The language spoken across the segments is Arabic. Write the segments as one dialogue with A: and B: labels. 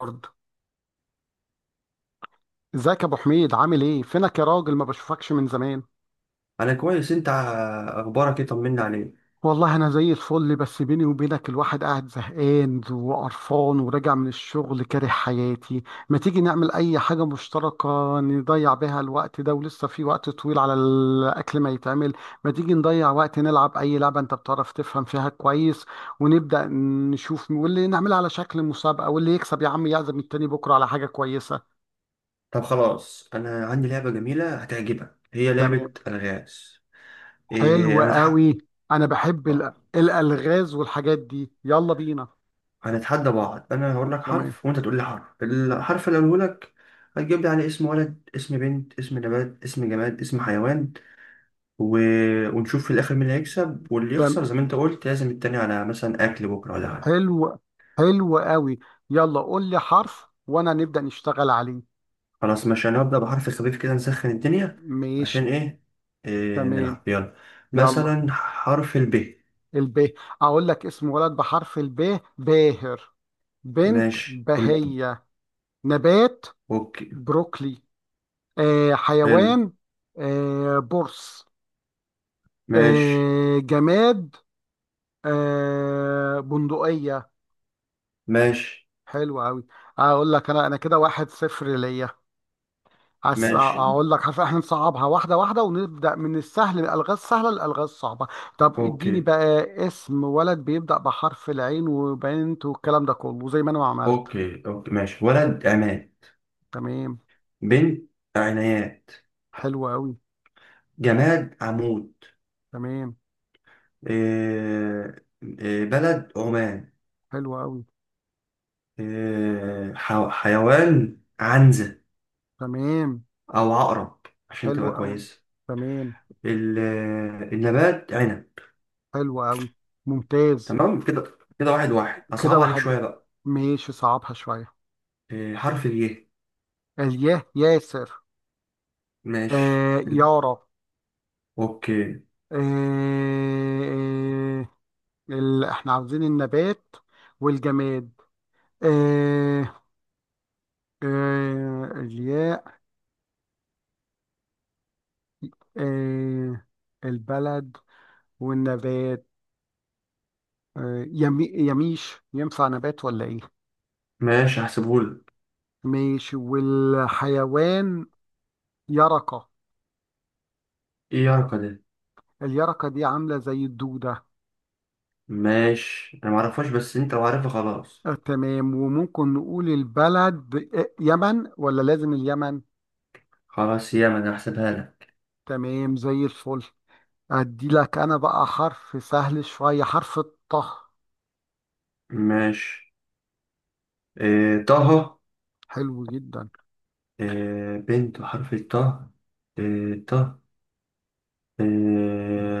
A: برضه. ازيك يا ابو حميد، عامل ايه، فينك يا راجل، ما بشوفكش من زمان.
B: انا كويس. انت اخبارك ايه؟ طمنا عليك.
A: والله انا زي الفل. بس بيني وبينك، الواحد قاعد زهقان وقرفان وراجع من الشغل كاره حياتي. ما تيجي نعمل اي حاجه مشتركه نضيع بيها الوقت ده، ولسه في وقت طويل على الاكل ما يتعمل. ما تيجي نضيع وقت نلعب اي لعبه انت بتعرف تفهم فيها كويس، ونبدا نشوف، واللي نعملها على شكل مسابقه، واللي يكسب يا عم يعزم التاني بكره على حاجه كويسه.
B: طب خلاص، انا عندي لعبه جميله هتعجبك، هي
A: تمام.
B: لعبه الغاز.
A: حلو
B: إيه هنتح...
A: قوي. انا بحب الالغاز والحاجات دي. يلا بينا.
B: هنتحدى بعض. انا هقول لك
A: تمام.
B: حرف وانت تقول لي حرف، الحرف اللي اقوله لك هتجيب لي عليه اسم ولد، اسم بنت، اسم نبات، اسم جماد، اسم حيوان، و... ونشوف في الاخر مين اللي هيكسب واللي يخسر،
A: تمام.
B: زي ما انت قلت لازم التاني على مثلا اكل بكره ولا حاجه.
A: حلو. حلو قوي. يلا قول لي حرف وانا نبدأ نشتغل عليه.
B: خلاص ماشي، انا هبدأ بحرف خفيف كده نسخن الدنيا.
A: ماشي.
B: عشان ايه,
A: تمام.
B: نلعب يلا.
A: يلا.
B: مثلا حرف الب.
A: الب. اقول لك اسم ولد بحرف الب: باهر. بنت:
B: ماشي
A: بهية. نبات:
B: اوكي.
A: بروكلي.
B: حلو.
A: حيوان: برص.
B: ماشي.
A: جماد: بندقية.
B: ماشي.
A: حلو قوي. اقول لك انا كده واحد صفر ليا.
B: ماشي.
A: اقول لك، عارف، احنا نصعبها واحده واحده، ونبدا من السهل، الالغاز السهله للالغاز الصعبه. طب اديني
B: اوكي
A: بقى اسم ولد بيبدا بحرف العين، وبنت، والكلام ده كله زي ما انا ما عملت.
B: اوكي اوكي ماشي. ولد عماد.
A: تمام.
B: بنت عنايات.
A: حلو قوي.
B: جماد عمود.
A: تمام.
B: إيه بلد عمان.
A: حلو قوي.
B: حيوان عنزة،
A: تمام.
B: أو عقرب عشان
A: حلو
B: تبقى
A: قوي.
B: كويسة.
A: تمام.
B: ال- النبات عنب.
A: حلو قوي. ممتاز.
B: تمام، كده كده واحد واحد.
A: كده
B: هصعب عليك
A: واحد.
B: شوية بقى.
A: ماشي، صعبها شويه.
B: حرف الياء.
A: الياه. ياسر.
B: ماشي. حلو.
A: يارا.
B: اوكي.
A: آه، آه، احنا عاوزين النبات والجماد. آه، الياء. آه، البلد والنبات. يمي، يميش ينفع نبات ولا ايه؟
B: ماشي، هحسبهولك.
A: ماشي. والحيوان: يرقة.
B: ايه يا رقا ده؟
A: اليرقة دي عاملة زي الدودة.
B: ماشي، انا معرفهاش بس انت لو عارفها خلاص.
A: تمام. وممكن نقول البلد يمن ولا لازم اليمن؟
B: خلاص ياما انا هحسبها لك.
A: تمام، زي الفل. ادي لك انا بقى حرف سهل شوية: حرف الطه.
B: ماشي. طه.
A: حلو جدا.
B: بنت بحرف الطه. طه. إيه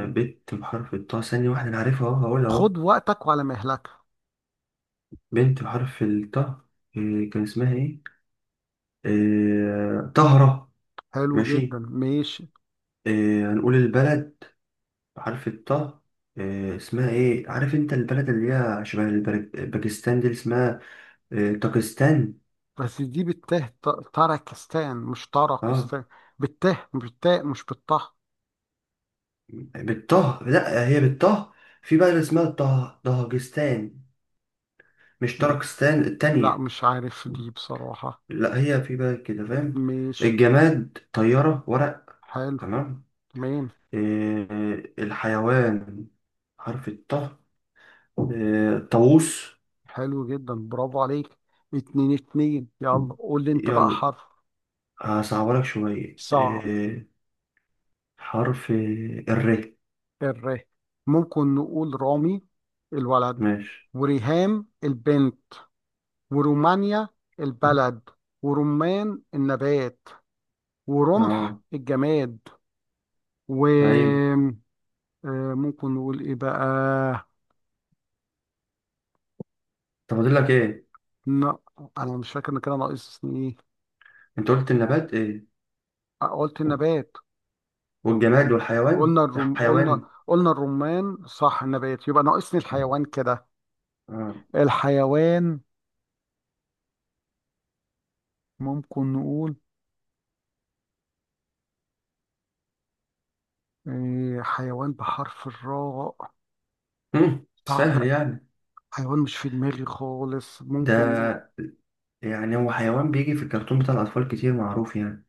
B: بنت بحرف الطه، ثانية واحدة انا عارفها اهو هقولها اهو.
A: خد وقتك وعلى مهلك.
B: بنت بحرف الطه. كان اسمها ايه؟ طهرة.
A: حلو جدا.
B: ماشي.
A: ماشي.
B: هنقول البلد. عارف الطه. اسمها ايه؟ عارف انت البلد اللي هي شبه باكستان دي، اللي اسمها طاقستان.
A: بس دي بالته، تركستان مش
B: اه،
A: طرقستان. بالته، مش بالتاء، مش بالطه.
B: بالطه، لا هي بالطه. في بلد اسمها طه، طهجستان، مش طرقستان
A: لا،
B: التانية.
A: مش عارف دي بصراحة.
B: لا هي في بلد كده، فاهم.
A: ماشي.
B: الجماد طيارة ورق.
A: حلو.
B: تمام.
A: تمام.
B: الحيوان حرف الطه. طاووس.
A: حلو جدا، برافو عليك. اتنين اتنين. يلا قول لي انت بقى
B: يلا.
A: حرف.
B: هصعبلك شوية
A: صعب.
B: آه، حرف الر.
A: الر. ممكن نقول رامي الولد،
B: ماشي.
A: وريهام البنت، ورومانيا البلد، ورمان النبات، ورمح
B: اه.
A: الجماد،
B: ايوه.
A: و ممكن نقول ايه بقى.
B: طب فاضل لك ايه؟
A: لا، انا مش فاكر ان كده ناقصني ايه.
B: انت قلت النبات ايه
A: قلت النبات.
B: والجماد والحيوان؟
A: قلنا قلنا
B: الحيوان.
A: قلنا الرمان، صح. النبات يبقى ناقصني الحيوان كده.
B: اه.
A: الحيوان، ممكن نقول حيوان بحرف الراء. صعب.
B: سهل يعني
A: حيوان مش في دماغي خالص. ممكن
B: ده. يعني هو حيوان بيجي في الكرتون بتاع الاطفال كتير، معروف يعني.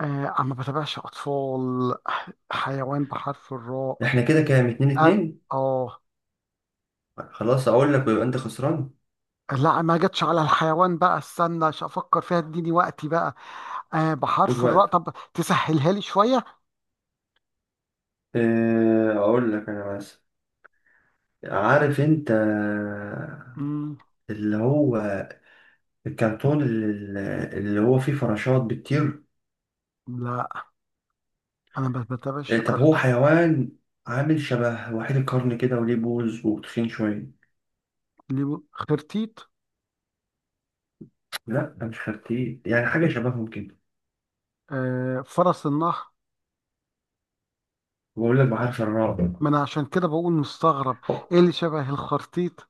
A: آه انا ما بتابعش اطفال. حيوان بحرف الراء.
B: احنا كده كام؟ اتنين
A: أر...
B: اتنين.
A: اه.
B: خلاص اقول لك ويبقى انت خسران.
A: لا، ما جاتش على الحيوان بقى، استنى عشان افكر فيها، اديني وقتي بقى.
B: خد
A: بحرف الراء،
B: وقت.
A: طب تسهلها لي شويه.
B: اقول لك انا، بس عارف انت
A: مم.
B: اللي هو الكرتون اللي هو فيه فراشات بتطير.
A: لا، انا ما بتابعش
B: طب هو
A: كرتون.
B: حيوان عامل شبه وحيد القرن كده وليه بوز وتخين شوية.
A: ليه؟ خرتيت.
B: لا مش خرتيت، يعني حاجة شبههم كده.
A: فرس النهر.
B: بقول لك بحرف الراء.
A: ما انا عشان كده بقول مستغرب.
B: أوه،
A: ايه اللي شبه الخرتيت؟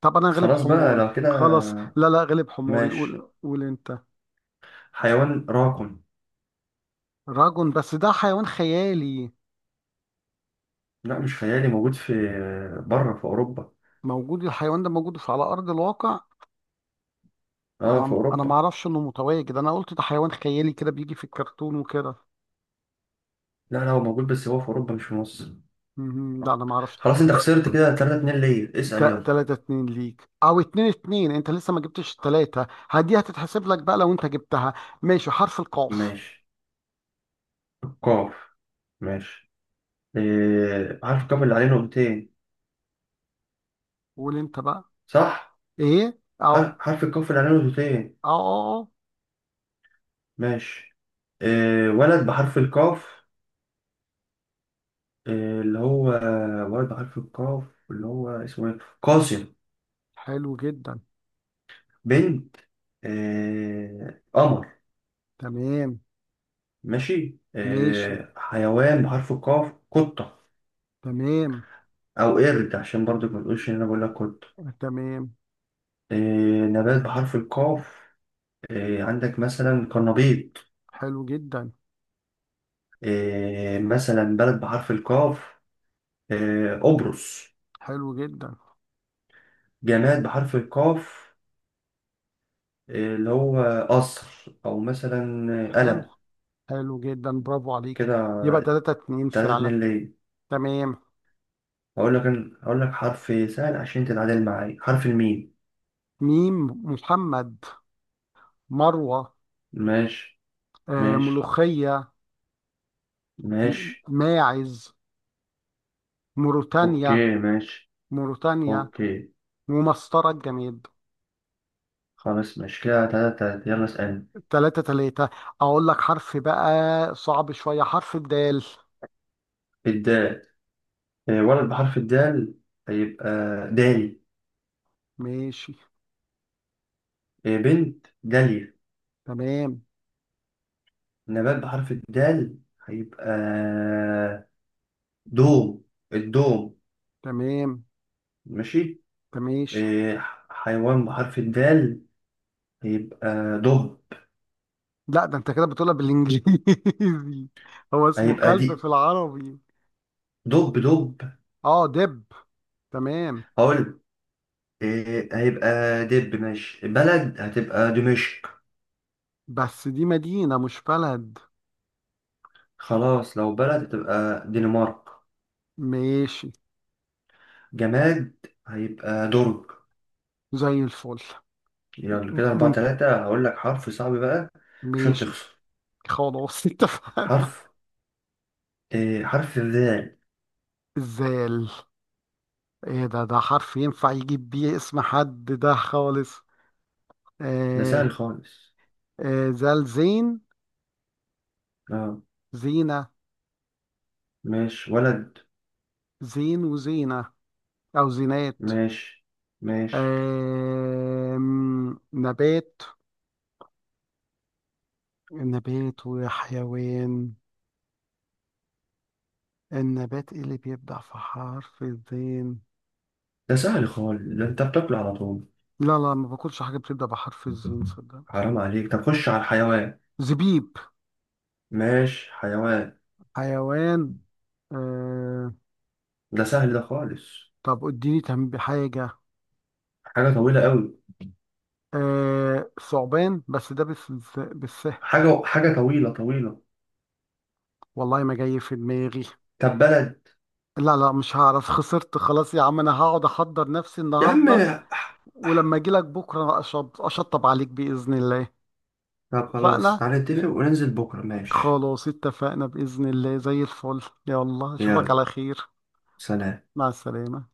A: طب انا غلب
B: خلاص بقى
A: حماري.
B: لو كده.
A: خلاص، لا لا، غلب حماري،
B: ماشي.
A: قول قول انت.
B: حيوان راكن.
A: راجل، بس ده حيوان خيالي.
B: لا مش خيالي، موجود في بره، في أوروبا.
A: موجود؟ الحيوان ده موجود بس على ارض الواقع؟
B: اه، في
A: انا ما
B: أوروبا.
A: اعرفش انه متواجد. انا قلت ده حيوان خيالي كده بيجي في الكرتون وكده.
B: لا لا، هو موجود بس هو في أوروبا مش في مصر.
A: مهم. لا،
B: آه.
A: انا ما اعرفش.
B: خلاص انت خسرت كده، 3-2 ليا. اسأل يلا.
A: تلاتة اتنين ليك، او اتنين اتنين. انت لسه ما جبتش التلاتة، هدي هتتحسب لك بقى لو انت جبتها. ماشي. حرف القاف.
B: ماشي. القاف. ماشي. إيه. حرف القاف اللي عليه نقطتين.
A: قول انت بقى.
B: صح.
A: ايه؟ اهو.
B: حرف
A: اه.
B: حرف القاف اللي عليه نقطتين.
A: اه. اه.
B: ماشي. آه ولد بحرف القاف. آه اللي هو ولد بحرف القاف اللي هو اسمه ايه، قاسم.
A: حلو جدا.
B: بنت، آه، قمر.
A: تمام.
B: ماشي.
A: ماشي.
B: آه حيوان بحرف القاف، قطة،
A: تمام.
B: أو قرد عشان برضو ما تقولش إن أنا بقول لك قطة.
A: تمام.
B: آه، نبات بحرف القاف، آه عندك مثلا قرنبيط.
A: حلو جدا.
B: آه مثلا بلد بحرف القاف، آه قبرص.
A: حلو جدا.
B: جماد بحرف القاف اللي هو قصر، او مثلا
A: حلو.
B: قلم.
A: حلو جدا، برافو عليك.
B: كده
A: يبقى 3-2
B: تلاتة
A: فعلا.
B: اتنين ليا.
A: تمام.
B: هقول لك حرف سهل عشان تتعادل معايا، حرف الميم.
A: ميم. محمد. مروة.
B: ماشي. ماشي.
A: ملوخية.
B: ماشي.
A: ماعز. موريتانيا.
B: اوكي ماشي.
A: موريتانيا.
B: اوكي.
A: ومسطرة الجماد.
B: خلاص ماشي، كده تلاتة تلاتة. يلا اسألني.
A: 3-3. أقول لك حرف بقى صعب شوية: حرف الدال.
B: الدال. آه، ولد بحرف الدال هيبقى دالي.
A: ماشي.
B: آه، بنت داليا.
A: تمام.
B: نبات بحرف الدال هيبقى دوم، الدوم.
A: تمام.
B: ماشي.
A: تماشي.
B: آه، حيوان بحرف الدال هيبقى دب.
A: لا، ده انت كده بتقولها بالانجليزي هو اسمه
B: هيبقى
A: كلب في
B: دي
A: العربي.
B: دب.
A: اه. دب. تمام.
B: هقول إيه هيبقى دب. ماشي. بلد هتبقى دمشق.
A: بس دي مدينة مش بلد.
B: خلاص لو بلد هتبقى دنمارك.
A: ماشي،
B: جماد هيبقى درج.
A: زي الفل.
B: يلا
A: م-
B: كده أربعة
A: مم...
B: تلاتة. هقول لك حرف صعب بقى عشان
A: ماشي.
B: تخسر.
A: خلاص اتفقنا.
B: حرف حرف الذال.
A: الزال. ايه ده حرف ينفع يجيب بيه اسم حد ده خالص؟
B: ده
A: آه
B: سهل خالص.
A: زال. زين.
B: اه.
A: زينة.
B: ماشي. ولد.
A: زين وزينة، أو زينات.
B: ماشي. ماشي.
A: آه نبات. نبات وحيوان. النبات ايه اللي بيبدأ في حرف الزين؟
B: ده سهل خالص، ده انت بتاكله على طول.
A: لا لا، ما باكلش حاجة بتبدأ بحرف الزين صدق.
B: حرام عليك، طب خش على الحيوان.
A: زبيب.
B: ماشي، حيوان.
A: حيوان. آه
B: ده سهل ده خالص.
A: طب اديني تنبيه حاجة.
B: حاجة طويلة قوي.
A: ثعبان. بس ده بالسهل.
B: حاجة طويلة.
A: والله ما جاي في دماغي.
B: طب بلد.
A: لا لا، مش هعرف. خسرت خلاص يا عم، انا هقعد احضر نفسي
B: يا عم.
A: النهارده.
B: ح- ح-
A: ولما اجي لك بكره اشطب عليك باذن الله.
B: طب خلاص،
A: اتفقنا.
B: تعالى نتفق
A: ن-
B: وننزل بكرة ماشي.
A: خلاص اتفقنا باذن الله، زي الفل. يلا، اشوفك
B: يلا.
A: على خير.
B: سلام
A: مع السلامه.